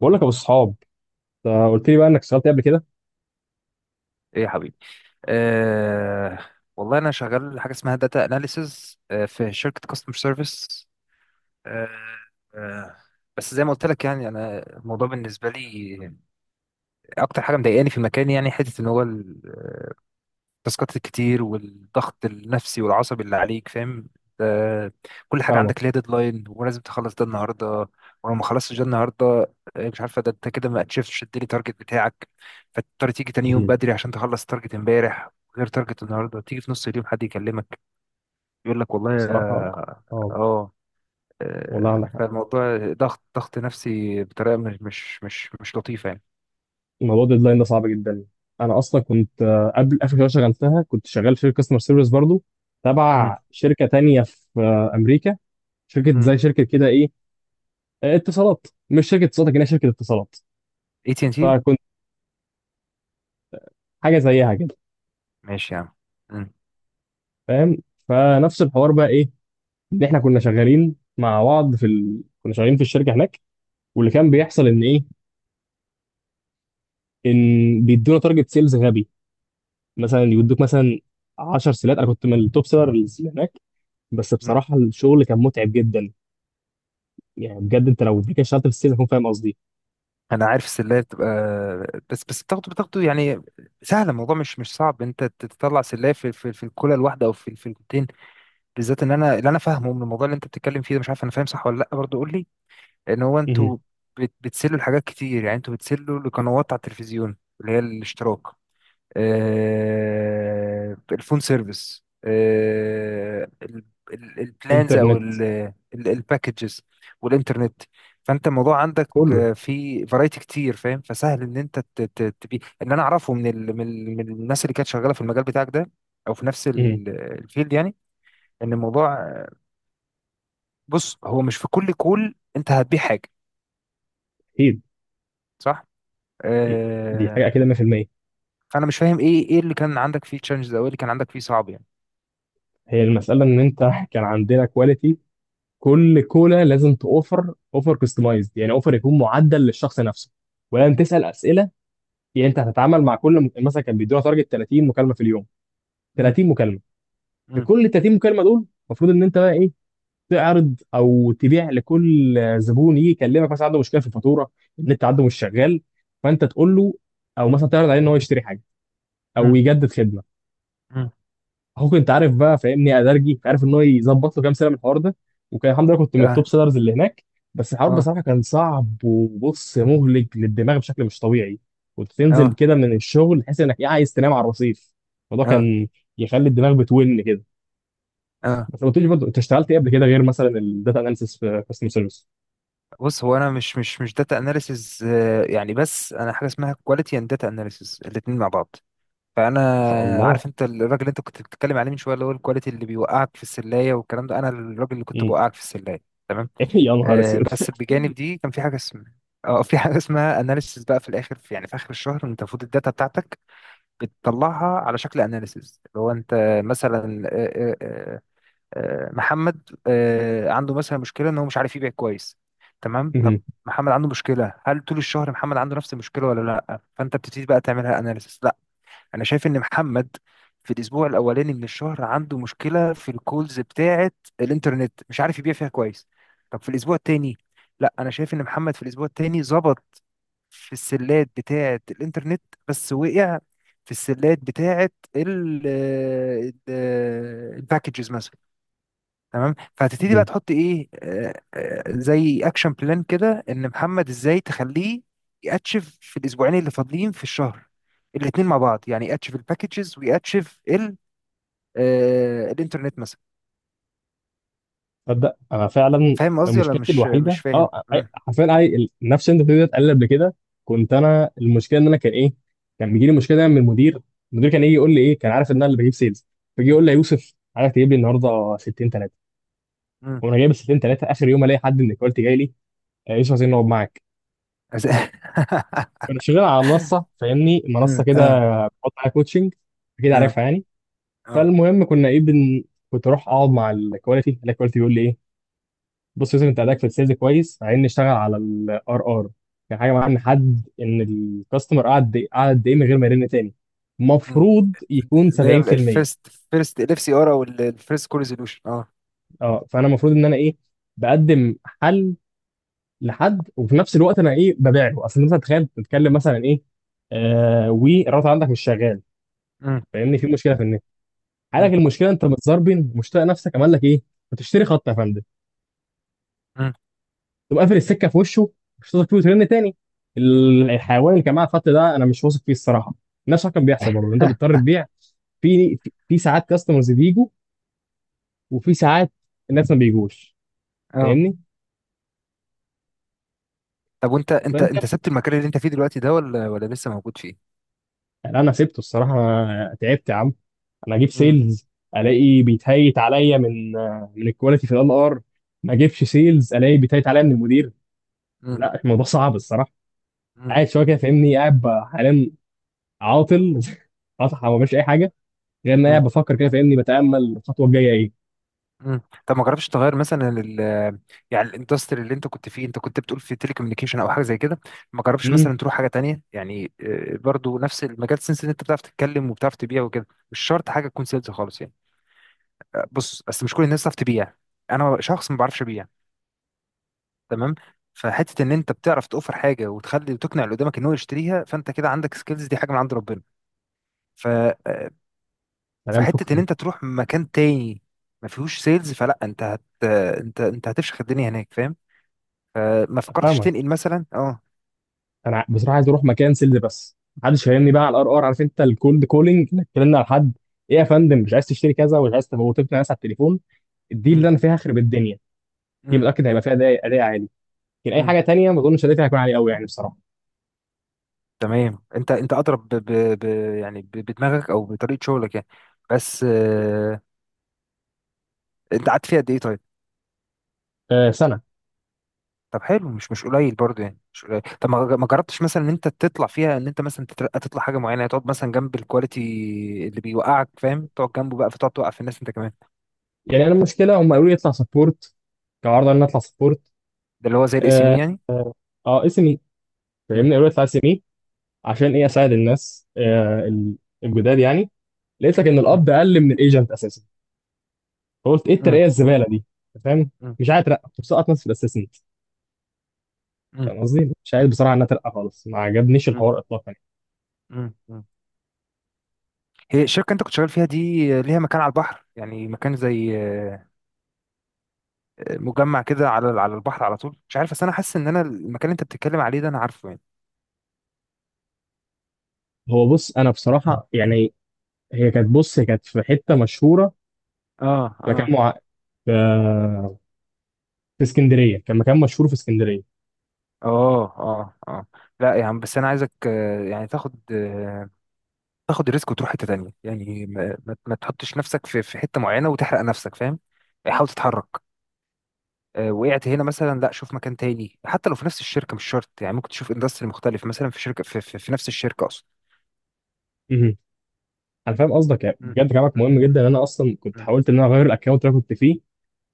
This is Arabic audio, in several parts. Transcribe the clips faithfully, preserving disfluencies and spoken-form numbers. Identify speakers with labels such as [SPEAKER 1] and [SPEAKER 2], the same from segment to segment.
[SPEAKER 1] بقول لك يا ابو الصحاب، أنت قلت لي بقى انك اشتغلت إيه قبل كده؟
[SPEAKER 2] ايه يا حبيبي، أه. والله انا شغال حاجه اسمها داتا اناليسز في شركه كاستمر سيرفيس. أه. أه. بس زي ما قلت لك يعني، انا الموضوع بالنسبه لي اكتر حاجه مضايقاني في المكان، يعني حته ان هو التاسكات الكتير والضغط النفسي والعصبي اللي عليك، فاهم؟ ده كل حاجة عندك ليها
[SPEAKER 1] فاهمك.
[SPEAKER 2] ديدلاين ولازم تخلص ده النهاردة، ولو ما خلصتش ده النهاردة آه، مش عارفة ده انت كده ما اتشفتش الديلي تارجت بتاعك، فتضطر تيجي تاني يوم
[SPEAKER 1] مم.
[SPEAKER 2] بدري عشان تخلص تارجت امبارح، غير تارجت النهاردة تيجي في نص اليوم حد يكلمك يقول لك والله
[SPEAKER 1] بصراحه
[SPEAKER 2] اه.
[SPEAKER 1] اه.
[SPEAKER 2] آه،
[SPEAKER 1] والله
[SPEAKER 2] آه،
[SPEAKER 1] عندك حق،
[SPEAKER 2] فالموضوع ضغط ضغط نفسي بطريقة مش مش مش مش لطيفة يعني.
[SPEAKER 1] موضوع الديدلاين ده صعب جدا. انا اصلا كنت آه، قبل اخر شغله شغلتها كنت شغال في كاستمر سيرفيس برضو،
[SPEAKER 2] امم
[SPEAKER 1] تبع شركه تانية في آه، امريكا. شركه
[SPEAKER 2] امم
[SPEAKER 1] زي شركه كده ايه، آه، اتصالات، مش شركه اتصالات لكنها شركه اتصالات.
[SPEAKER 2] اي تي ان تي.
[SPEAKER 1] فكنت حاجه زيها كده،
[SPEAKER 2] ماشي يا عم. مم.
[SPEAKER 1] فاهم؟ فنفس الحوار بقى ايه، ان احنا كنا شغالين مع بعض في ال... كنا شغالين في الشركه هناك. واللي كان بيحصل ان ايه، ان بيدونا تارجت سيلز غبي، مثلا يودوك مثلا عشر سيلات. انا كنت من التوب سيلرز اللي هناك، بس
[SPEAKER 2] مم.
[SPEAKER 1] بصراحه الشغل كان متعب جدا. يعني بجد انت لو كده اشتغلت في السيلز هتكون فاهم قصدي.
[SPEAKER 2] انا عارف السلايه بتبقى بس بس بتاخده بتاخده يعني، سهل الموضوع مش مش صعب. انت تطلع سلايه في في, في الكولا الواحده، او في في الكوتين، بالذات ان انا اللي انا فاهمه من الموضوع اللي انت بتتكلم فيه ده. مش عارف انا فاهم صح ولا لا، برضه قول لي. ان هو
[SPEAKER 1] مهم.
[SPEAKER 2] انتوا بت- بتسلوا لحاجات كتير، يعني انتوا بتسلوا لقنوات على التلفزيون اللي هي الاشتراك، آه، الفون سيرفيس، آه، ال- ال- البلانز او
[SPEAKER 1] انترنت.
[SPEAKER 2] الباكجز والانترنت. فانت الموضوع عندك
[SPEAKER 1] كله.
[SPEAKER 2] آه، في فرايتي كتير فاهم، فسهل ان انت ت- ت- تبي. اللي انا اعرفه من ال... من ال- من الناس اللي كانت شغاله في المجال بتاعك ده، او في نفس
[SPEAKER 1] مهم.
[SPEAKER 2] ال- الفيلد يعني، ان الموضوع، بص هو مش في كل كول انت هتبيع حاجه،
[SPEAKER 1] اكيد.
[SPEAKER 2] صح؟
[SPEAKER 1] مهم. دي حاجه
[SPEAKER 2] آه،
[SPEAKER 1] اكيد مية في المية.
[SPEAKER 2] فانا مش فاهم ايه ايه اللي كان عندك فيه تشالنجز او ايه اللي كان عندك فيه صعب يعني.
[SPEAKER 1] هي المساله ان انت كان عندنا كواليتي، كل كولا لازم توفر اوفر كستمايزد، يعني اوفر يكون معدل للشخص نفسه، ولازم تسال اسئله. يعني انت هتتعامل مع كل م- مثلا كان بيدونا تارجت ثلاثين مكالمه في اليوم،
[SPEAKER 2] مم.
[SPEAKER 1] ثلاثين مكالمه. في
[SPEAKER 2] مم.
[SPEAKER 1] كل ثلاثين مكالمه دول المفروض ان انت بقى ايه، تعرض او تبيع لكل زبون يجي يكلمك. مثلا عنده مشكله في الفاتوره، النت عنده مش شغال، فانت تقول له، او مثلا تعرض عليه ان هو يشتري حاجه او
[SPEAKER 2] مم.
[SPEAKER 1] يجدد خدمه.
[SPEAKER 2] مم.
[SPEAKER 1] اخوك انت عارف بقى، فاهمني ادرجي، انت عارف ان هو يظبط له كام سنه من الحوار ده. وكان الحمد لله كنت من
[SPEAKER 2] اه.
[SPEAKER 1] التوب سيلرز اللي هناك، بس الحوار
[SPEAKER 2] اه.
[SPEAKER 1] بصراحه كان صعب، وبص، مهلك للدماغ بشكل مش طبيعي. كنت تنزل
[SPEAKER 2] اه.
[SPEAKER 1] كده من الشغل تحس انك إيه، عايز تنام على الرصيف. الموضوع
[SPEAKER 2] اه.
[SPEAKER 1] كان يخلي الدماغ بتون كده.
[SPEAKER 2] اه.
[SPEAKER 1] بس ما قلتليش برضه انت اشتغلت ايه قبل كده، غير مثلا الداتا اناليسيس في كاستمر سيرفيس؟
[SPEAKER 2] بص هو انا مش مش مش داتا اناليسز يعني، بس انا حاجه اسمها كواليتي اند داتا اناليسز الاثنين مع بعض. فانا
[SPEAKER 1] ما شاء الله.
[SPEAKER 2] عارف انت الراجل اللي انت كنت بتتكلم عليه من شويه اللي هو الكواليتي اللي بيوقعك في السلايه والكلام ده، انا الراجل اللي كنت
[SPEAKER 1] مم.
[SPEAKER 2] بوقعك في السلايه، تمام.
[SPEAKER 1] يا نهار
[SPEAKER 2] آه،
[SPEAKER 1] اسود.
[SPEAKER 2] بس بجانب دي كان في حاجه اسمها، اه في حاجه اسمها اناليسز، بقى في الاخر، في يعني في اخر الشهر انت المفروض الداتا بتاعتك بتطلعها على شكل اناليسز، اللي هو انت مثلا، آه، آه، آه، آه، محمد آه، عنده مثلا مشكله ان هو مش عارف يبيع كويس، تمام؟ طب
[SPEAKER 1] مهم.
[SPEAKER 2] محمد عنده مشكله، هل طول الشهر محمد عنده نفس المشكله ولا لا؟ فانت بتبتدي بقى تعملها اناليسيس. لا، انا شايف ان محمد في الاسبوع الاولاني من الشهر عنده مشكله في الكولز بتاعه، الانترنت مش عارف يبيع فيها كويس. طب في الاسبوع التاني، لا، انا شايف ان محمد في الاسبوع التاني ظبط في السلات بتاعه الانترنت، بس وقع في السلات بتاعه الباكجز مثلا. تمام، فهتبتدي بقى
[SPEAKER 1] مهم.
[SPEAKER 2] تحط ايه آه، آه، زي اكشن بلان كده، ان محمد ازاي تخليه ياتشف في الاسبوعين اللي فاضلين في الشهر الاتنين مع بعض، يعني ياتشف الباكجز وياتشف ال آه، الانترنت مثلا.
[SPEAKER 1] تصدق انا فعلا
[SPEAKER 2] فاهم قصدي ولا
[SPEAKER 1] مشكلتي
[SPEAKER 2] مش مش
[SPEAKER 1] الوحيده
[SPEAKER 2] فاهم؟
[SPEAKER 1] اه، أي-
[SPEAKER 2] مم،
[SPEAKER 1] حرفيا أي- ال- نفس اللي انت بتقول اتقل قبل كده. كنت انا المشكله ان انا كان ايه، كان بيجي لي مشكله دايما من المدير. المدير كان يجي يقول لي ايه، كان عارف ان انا اللي بجيب سيلز، فيجي يقول لي يا يوسف عايزك تجيب لي النهارده ستين تلاته.
[SPEAKER 2] مم.
[SPEAKER 1] وانا جايب ستين تلاته اخر يوم الاقي حد من الكواليتي جاي لي آه، يوسف عايزين نقعد معاك.
[SPEAKER 2] أز-
[SPEAKER 1] انا شغال على منصه، فاهمني منصه
[SPEAKER 2] مم.
[SPEAKER 1] كده،
[SPEAKER 2] اه.
[SPEAKER 1] بحط عليها كوتشنج، اكيد
[SPEAKER 2] اه.
[SPEAKER 1] عارفها يعني.
[SPEAKER 2] اه.
[SPEAKER 1] فالمهم كنا ايه بن... كنت اروح اقعد مع الكواليتي الكواليتي بيقول لي ايه، بص يا يوسف انت اداك في السيلز كويس، عايزين نشتغل على الار ار. كان حاجه معاه نحدد ان الكاستمر قعد قعد قد ايه من غير ما يرن تاني.
[SPEAKER 2] مم.
[SPEAKER 1] المفروض يكون
[SPEAKER 2] ده هي
[SPEAKER 1] سبعين في المية.
[SPEAKER 2] الفيرست فيرست ال اف سي ار، او الفيرست كول ريزولوشن، اه.
[SPEAKER 1] اه، فانا المفروض ان انا ايه، بقدم حل لحد، وفي نفس الوقت انا ايه، ببيع له. اصل انت مثلا تخيل تتكلم مثلا ايه، آه والراوتر عندك مش شغال،
[SPEAKER 2] مم.
[SPEAKER 1] فاهمني، في مشكله في النت، حالك
[SPEAKER 2] مم.
[SPEAKER 1] المشكله، انت متزربن مش طايق نفسك، عمل لك ايه، بتشتري خط يا فندم؟
[SPEAKER 2] مم.
[SPEAKER 1] تقوم قافل السكه في وشه، مش واثق فيه وترن تاني، ال- الحيوان اللي كان معاه الخط ده انا مش واثق فيه الصراحه. نفس الحوار كان بيحصل برضه، انت بتضطر تبيع. في في في ساعات كاستمرز بيجوا، وفي ساعات الناس ما بيجوش،
[SPEAKER 2] اه.
[SPEAKER 1] فاهمني؟
[SPEAKER 2] طب، وانت انت
[SPEAKER 1] فانت،
[SPEAKER 2] انت سبت المكان اللي انت فيه دلوقتي ده ولا ولا لسه موجود فيه؟
[SPEAKER 1] يعني انا سبته الصراحه، أنا تعبت يا عم. انا اجيب سيلز الاقي بيتهيت عليا من، من الكواليتي في ال ار. ما اجيبش سيلز الاقي بيتهيت عليا من المدير.
[SPEAKER 2] مم.
[SPEAKER 1] لا الموضوع صعب الصراحه.
[SPEAKER 2] مم.
[SPEAKER 1] قاعد شويه كده،
[SPEAKER 2] مم.
[SPEAKER 1] فاهمني، قاعد ب- حاليا عاطل. عاطل ما بعملش اي حاجه، غير ان انا قاعد
[SPEAKER 2] مم.
[SPEAKER 1] بفكر كده، فاهمني، بتامل الخطوه الجايه ايه.
[SPEAKER 2] مم. طب، ما جربتش تغير مثلا ال يعني الاندستري اللي انت كنت فيه، انت كنت بتقول في تليكوميونيكيشن او حاجه زي كده. ما جربتش
[SPEAKER 1] م-م.
[SPEAKER 2] مثلا تروح حاجه تانية يعني، آه، برضو نفس المجال، سنس ان انت بتعرف تتكلم وبتعرف تبيع وكده، مش شرط حاجه تكون سيلز خالص يعني. آه، بص، بس مش كل الناس بتعرف تبيع، انا شخص ما بعرفش ابيع، تمام؟ فحته ان انت بتعرف توفر حاجه وتخلي وتقنع اللي قدامك ان هو يشتريها، فانت كده عندك سكيلز، دي حاجه من عند ربنا. ف آه،
[SPEAKER 1] تمام
[SPEAKER 2] فحته ان
[SPEAKER 1] شكرا.
[SPEAKER 2] انت تروح مكان تاني ما فيهوش سيلز، فلا انت هت، انت انت هتفشخ الدنيا هناك، فاهم؟ فما فكرتش
[SPEAKER 1] فاهمك.
[SPEAKER 2] تنقل مثلا اه
[SPEAKER 1] انا ع- بصراحه عايز اروح مكان سيلز، بس محدش فاهمني بقى على الار ار، عارف انت الكولد كولينج انك تكلمنا على حد، ايه يا فندم مش عايز تشتري كذا، ومش عايز تبقى وتقنع ناس على التليفون، دي
[SPEAKER 2] مم.
[SPEAKER 1] اللي انا فيها هخرب الدنيا. دي
[SPEAKER 2] مم.
[SPEAKER 1] متاكد هيبقى
[SPEAKER 2] مم.
[SPEAKER 1] فيها اداء أداء عالي، لكن اي
[SPEAKER 2] مم.
[SPEAKER 1] حاجه تانيه ما اظنش ادائي هيكون عالي قوي يعني بصراحه.
[SPEAKER 2] تمام، انت انت اضرب ب... ب... ب... يعني ب... بدماغك او بطريقه شغلك يعني، بس آه، انت قعدت فيها قد ايه طيب؟
[SPEAKER 1] آه سنه.
[SPEAKER 2] طب حلو، مش مش قليل برضه يعني، مش قليل. طب ما ما جربتش مثلا ان انت تطلع فيها، ان انت مثلا تترقى تطلع حاجه معينه، يعني تقعد مثلا جنب الكواليتي اللي بيوقعك فاهم، تقعد جنبه بقى فتقعد توقع في الناس انت كمان.
[SPEAKER 1] يعني انا المشكله هم قالوا لي اطلع سبورت، كعرض ان أنا اطلع سبورت.
[SPEAKER 2] ده اللي هو زي الاسم
[SPEAKER 1] اه.
[SPEAKER 2] يعني.
[SPEAKER 1] آه، اس ام اي،
[SPEAKER 2] مم.
[SPEAKER 1] فاهمني قالوا لي اطلع اس ام اي، عشان ايه، اساعد الناس آه ال- الجداد يعني. لقيت لك ان القبض اقل من الايجنت اساسا، فقلت ايه
[SPEAKER 2] مم.
[SPEAKER 1] الترقيه الزباله دي، أنت فاهم؟
[SPEAKER 2] مم.
[SPEAKER 1] مش عايز اترقى، كنت مسقط نفسي في الاسيسنت.
[SPEAKER 2] مم.
[SPEAKER 1] فاهم قصدي، مش عايز بصراحه ان أنا اترقى خالص، ما عجبنيش
[SPEAKER 2] مم.
[SPEAKER 1] الحوار اطلاقا يعني.
[SPEAKER 2] مم. مم. هي الشركة انت كنت شغال فيها دي آه، ليها مكان على البحر؟ يعني مكان زي آه، آه، مجمع كده على على البحر على طول؟ مش عارف، بس انا حاسس ان انا المكان اللي انت بتتكلم عليه ده انا عارفه يعني.
[SPEAKER 1] هو بص انا بصراحه يعني، هي كانت، بص، هي كانت في حته مشهوره،
[SPEAKER 2] اه.
[SPEAKER 1] في
[SPEAKER 2] اه.
[SPEAKER 1] مكان مع... في... في اسكندريه، كان مكان مشهور في اسكندريه.
[SPEAKER 2] اه. اه. اه. لا يا عم، بس انا عايزك آه، يعني تاخد آه، تاخد الريسك وتروح حتة تانية يعني، ما, ما ما تحطش نفسك في في حتة معينة وتحرق نفسك، فاهم؟ يعني حاول تتحرك. آه، وقعت هنا مثلا، لا شوف مكان تاني، حتى لو في نفس الشركة مش شرط يعني، ممكن تشوف اندستري مختلف مثلا، في شركة في, في, في نفس الشركة.
[SPEAKER 1] مهم. انا فاهم قصدك، يعني
[SPEAKER 2] مم.
[SPEAKER 1] بجد كلامك
[SPEAKER 2] مم.
[SPEAKER 1] مهم
[SPEAKER 2] مم.
[SPEAKER 1] جدا. ان انا اصلا كنت
[SPEAKER 2] مم.
[SPEAKER 1] حاولت ان انا اغير الاكونت اللي انا كنت فيه.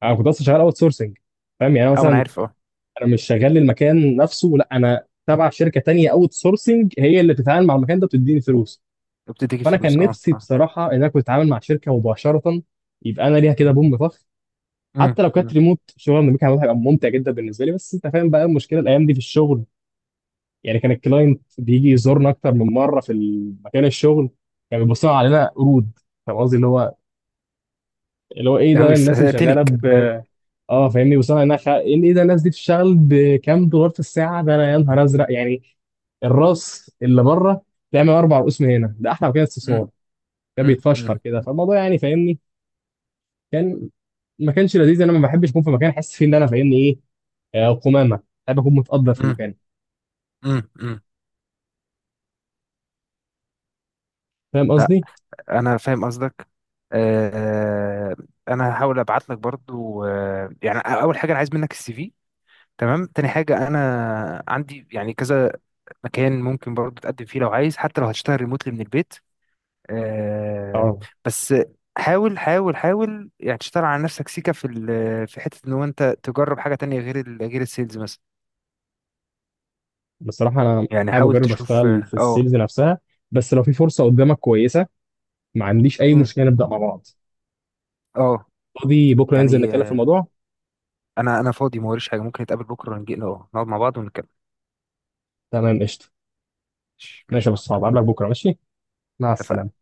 [SPEAKER 1] انا كنت اصلا شغال اوت سورسنج، فاهم؟ يعني أنا
[SPEAKER 2] اه، ما انا
[SPEAKER 1] مثلا
[SPEAKER 2] عارف، اه.
[SPEAKER 1] انا مش شغال للمكان نفسه لا، انا تبع شركه تانية اوت سورسنج هي اللي بتتعامل مع المكان ده، بتديني فلوس.
[SPEAKER 2] بتديكي
[SPEAKER 1] فانا كان
[SPEAKER 2] فلوس، اه.
[SPEAKER 1] نفسي
[SPEAKER 2] اه.
[SPEAKER 1] بصراحه ان انا كنت اتعامل مع شركه مباشره، يبقى انا ليها كده بوم طخ. حتى
[SPEAKER 2] مم.
[SPEAKER 1] لو كانت
[SPEAKER 2] مم.
[SPEAKER 1] ريموت شغل من المكان هيبقى ممتع جدا بالنسبه لي. بس انت فاهم بقى المشكله الايام دي في الشغل، يعني كان الكلاينت بيجي يزورنا اكتر من مره في مكان الشغل، كان يعني بيبصوا علينا قرود. فاهم قصدي، اللي هو اللي هو ايه ده
[SPEAKER 2] أوي، س-
[SPEAKER 1] الناس اللي
[SPEAKER 2] تنك
[SPEAKER 1] شغاله.
[SPEAKER 2] فاهم.
[SPEAKER 1] اه، فاهمني، وصلنا انها خ... ان ايه ده، الناس دي بتشتغل بكام دولار في الساعه، ده انا يا نهار ازرق يعني، الراس اللي بره تعمل اربع رؤوس من هنا، ده احلى مكان
[SPEAKER 2] مم.
[SPEAKER 1] استثمار. كان
[SPEAKER 2] مم. مم.
[SPEAKER 1] بيتفشخر كده فالموضوع يعني، فاهمني. كان، ما كانش لذيذ، انا ما بحبش اكون في مكان احس فيه ان انا فاهمني ايه، آه، قمامه. بحب اكون متقدر في
[SPEAKER 2] مم.
[SPEAKER 1] المكان،
[SPEAKER 2] مم. مم.
[SPEAKER 1] فاهم
[SPEAKER 2] لا،
[SPEAKER 1] قصدي؟
[SPEAKER 2] انا فاهم قصدك. آه. انا هحاول ابعت لك برضو، آه يعني اول حاجه انا عايز منك السي في، تمام. تاني حاجه انا عندي يعني كذا مكان ممكن برضو تقدم فيه لو عايز، حتى لو هتشتغل ريموتلي من البيت. آه
[SPEAKER 1] اه.
[SPEAKER 2] بس حاول حاول حاول يعني، تشتغل على نفسك سيكا في ال- في حتة ان هو انت تجرب حاجة تانية غير ال- غير السيلز مثلا،
[SPEAKER 1] بصراحه انا
[SPEAKER 2] يعني
[SPEAKER 1] حابب
[SPEAKER 2] حاول
[SPEAKER 1] اجرب
[SPEAKER 2] تشوف.
[SPEAKER 1] اشتغل
[SPEAKER 2] اه.
[SPEAKER 1] في
[SPEAKER 2] اه.
[SPEAKER 1] السيلز نفسها، بس لو في فرصه قدامك كويسه ما عنديش اي
[SPEAKER 2] مم.
[SPEAKER 1] مشكله نبدا مع بعض.
[SPEAKER 2] آه.
[SPEAKER 1] فاضي بكره ننزل
[SPEAKER 2] يعني
[SPEAKER 1] نتكلم في
[SPEAKER 2] آه،
[SPEAKER 1] الموضوع.
[SPEAKER 2] انا انا فاضي، ما وريش حاجة، ممكن نتقابل بكرة ونجي اه نقعد مع بعض ونتكلم.
[SPEAKER 1] تمام قشطه.
[SPEAKER 2] ماشي
[SPEAKER 1] ماشي يا
[SPEAKER 2] ماشي
[SPEAKER 1] ابو
[SPEAKER 2] يا
[SPEAKER 1] الصحاب،
[SPEAKER 2] حب.
[SPEAKER 1] اقابلك بكره، ماشي. مع السلامة.
[SPEAKER 2] اتفقنا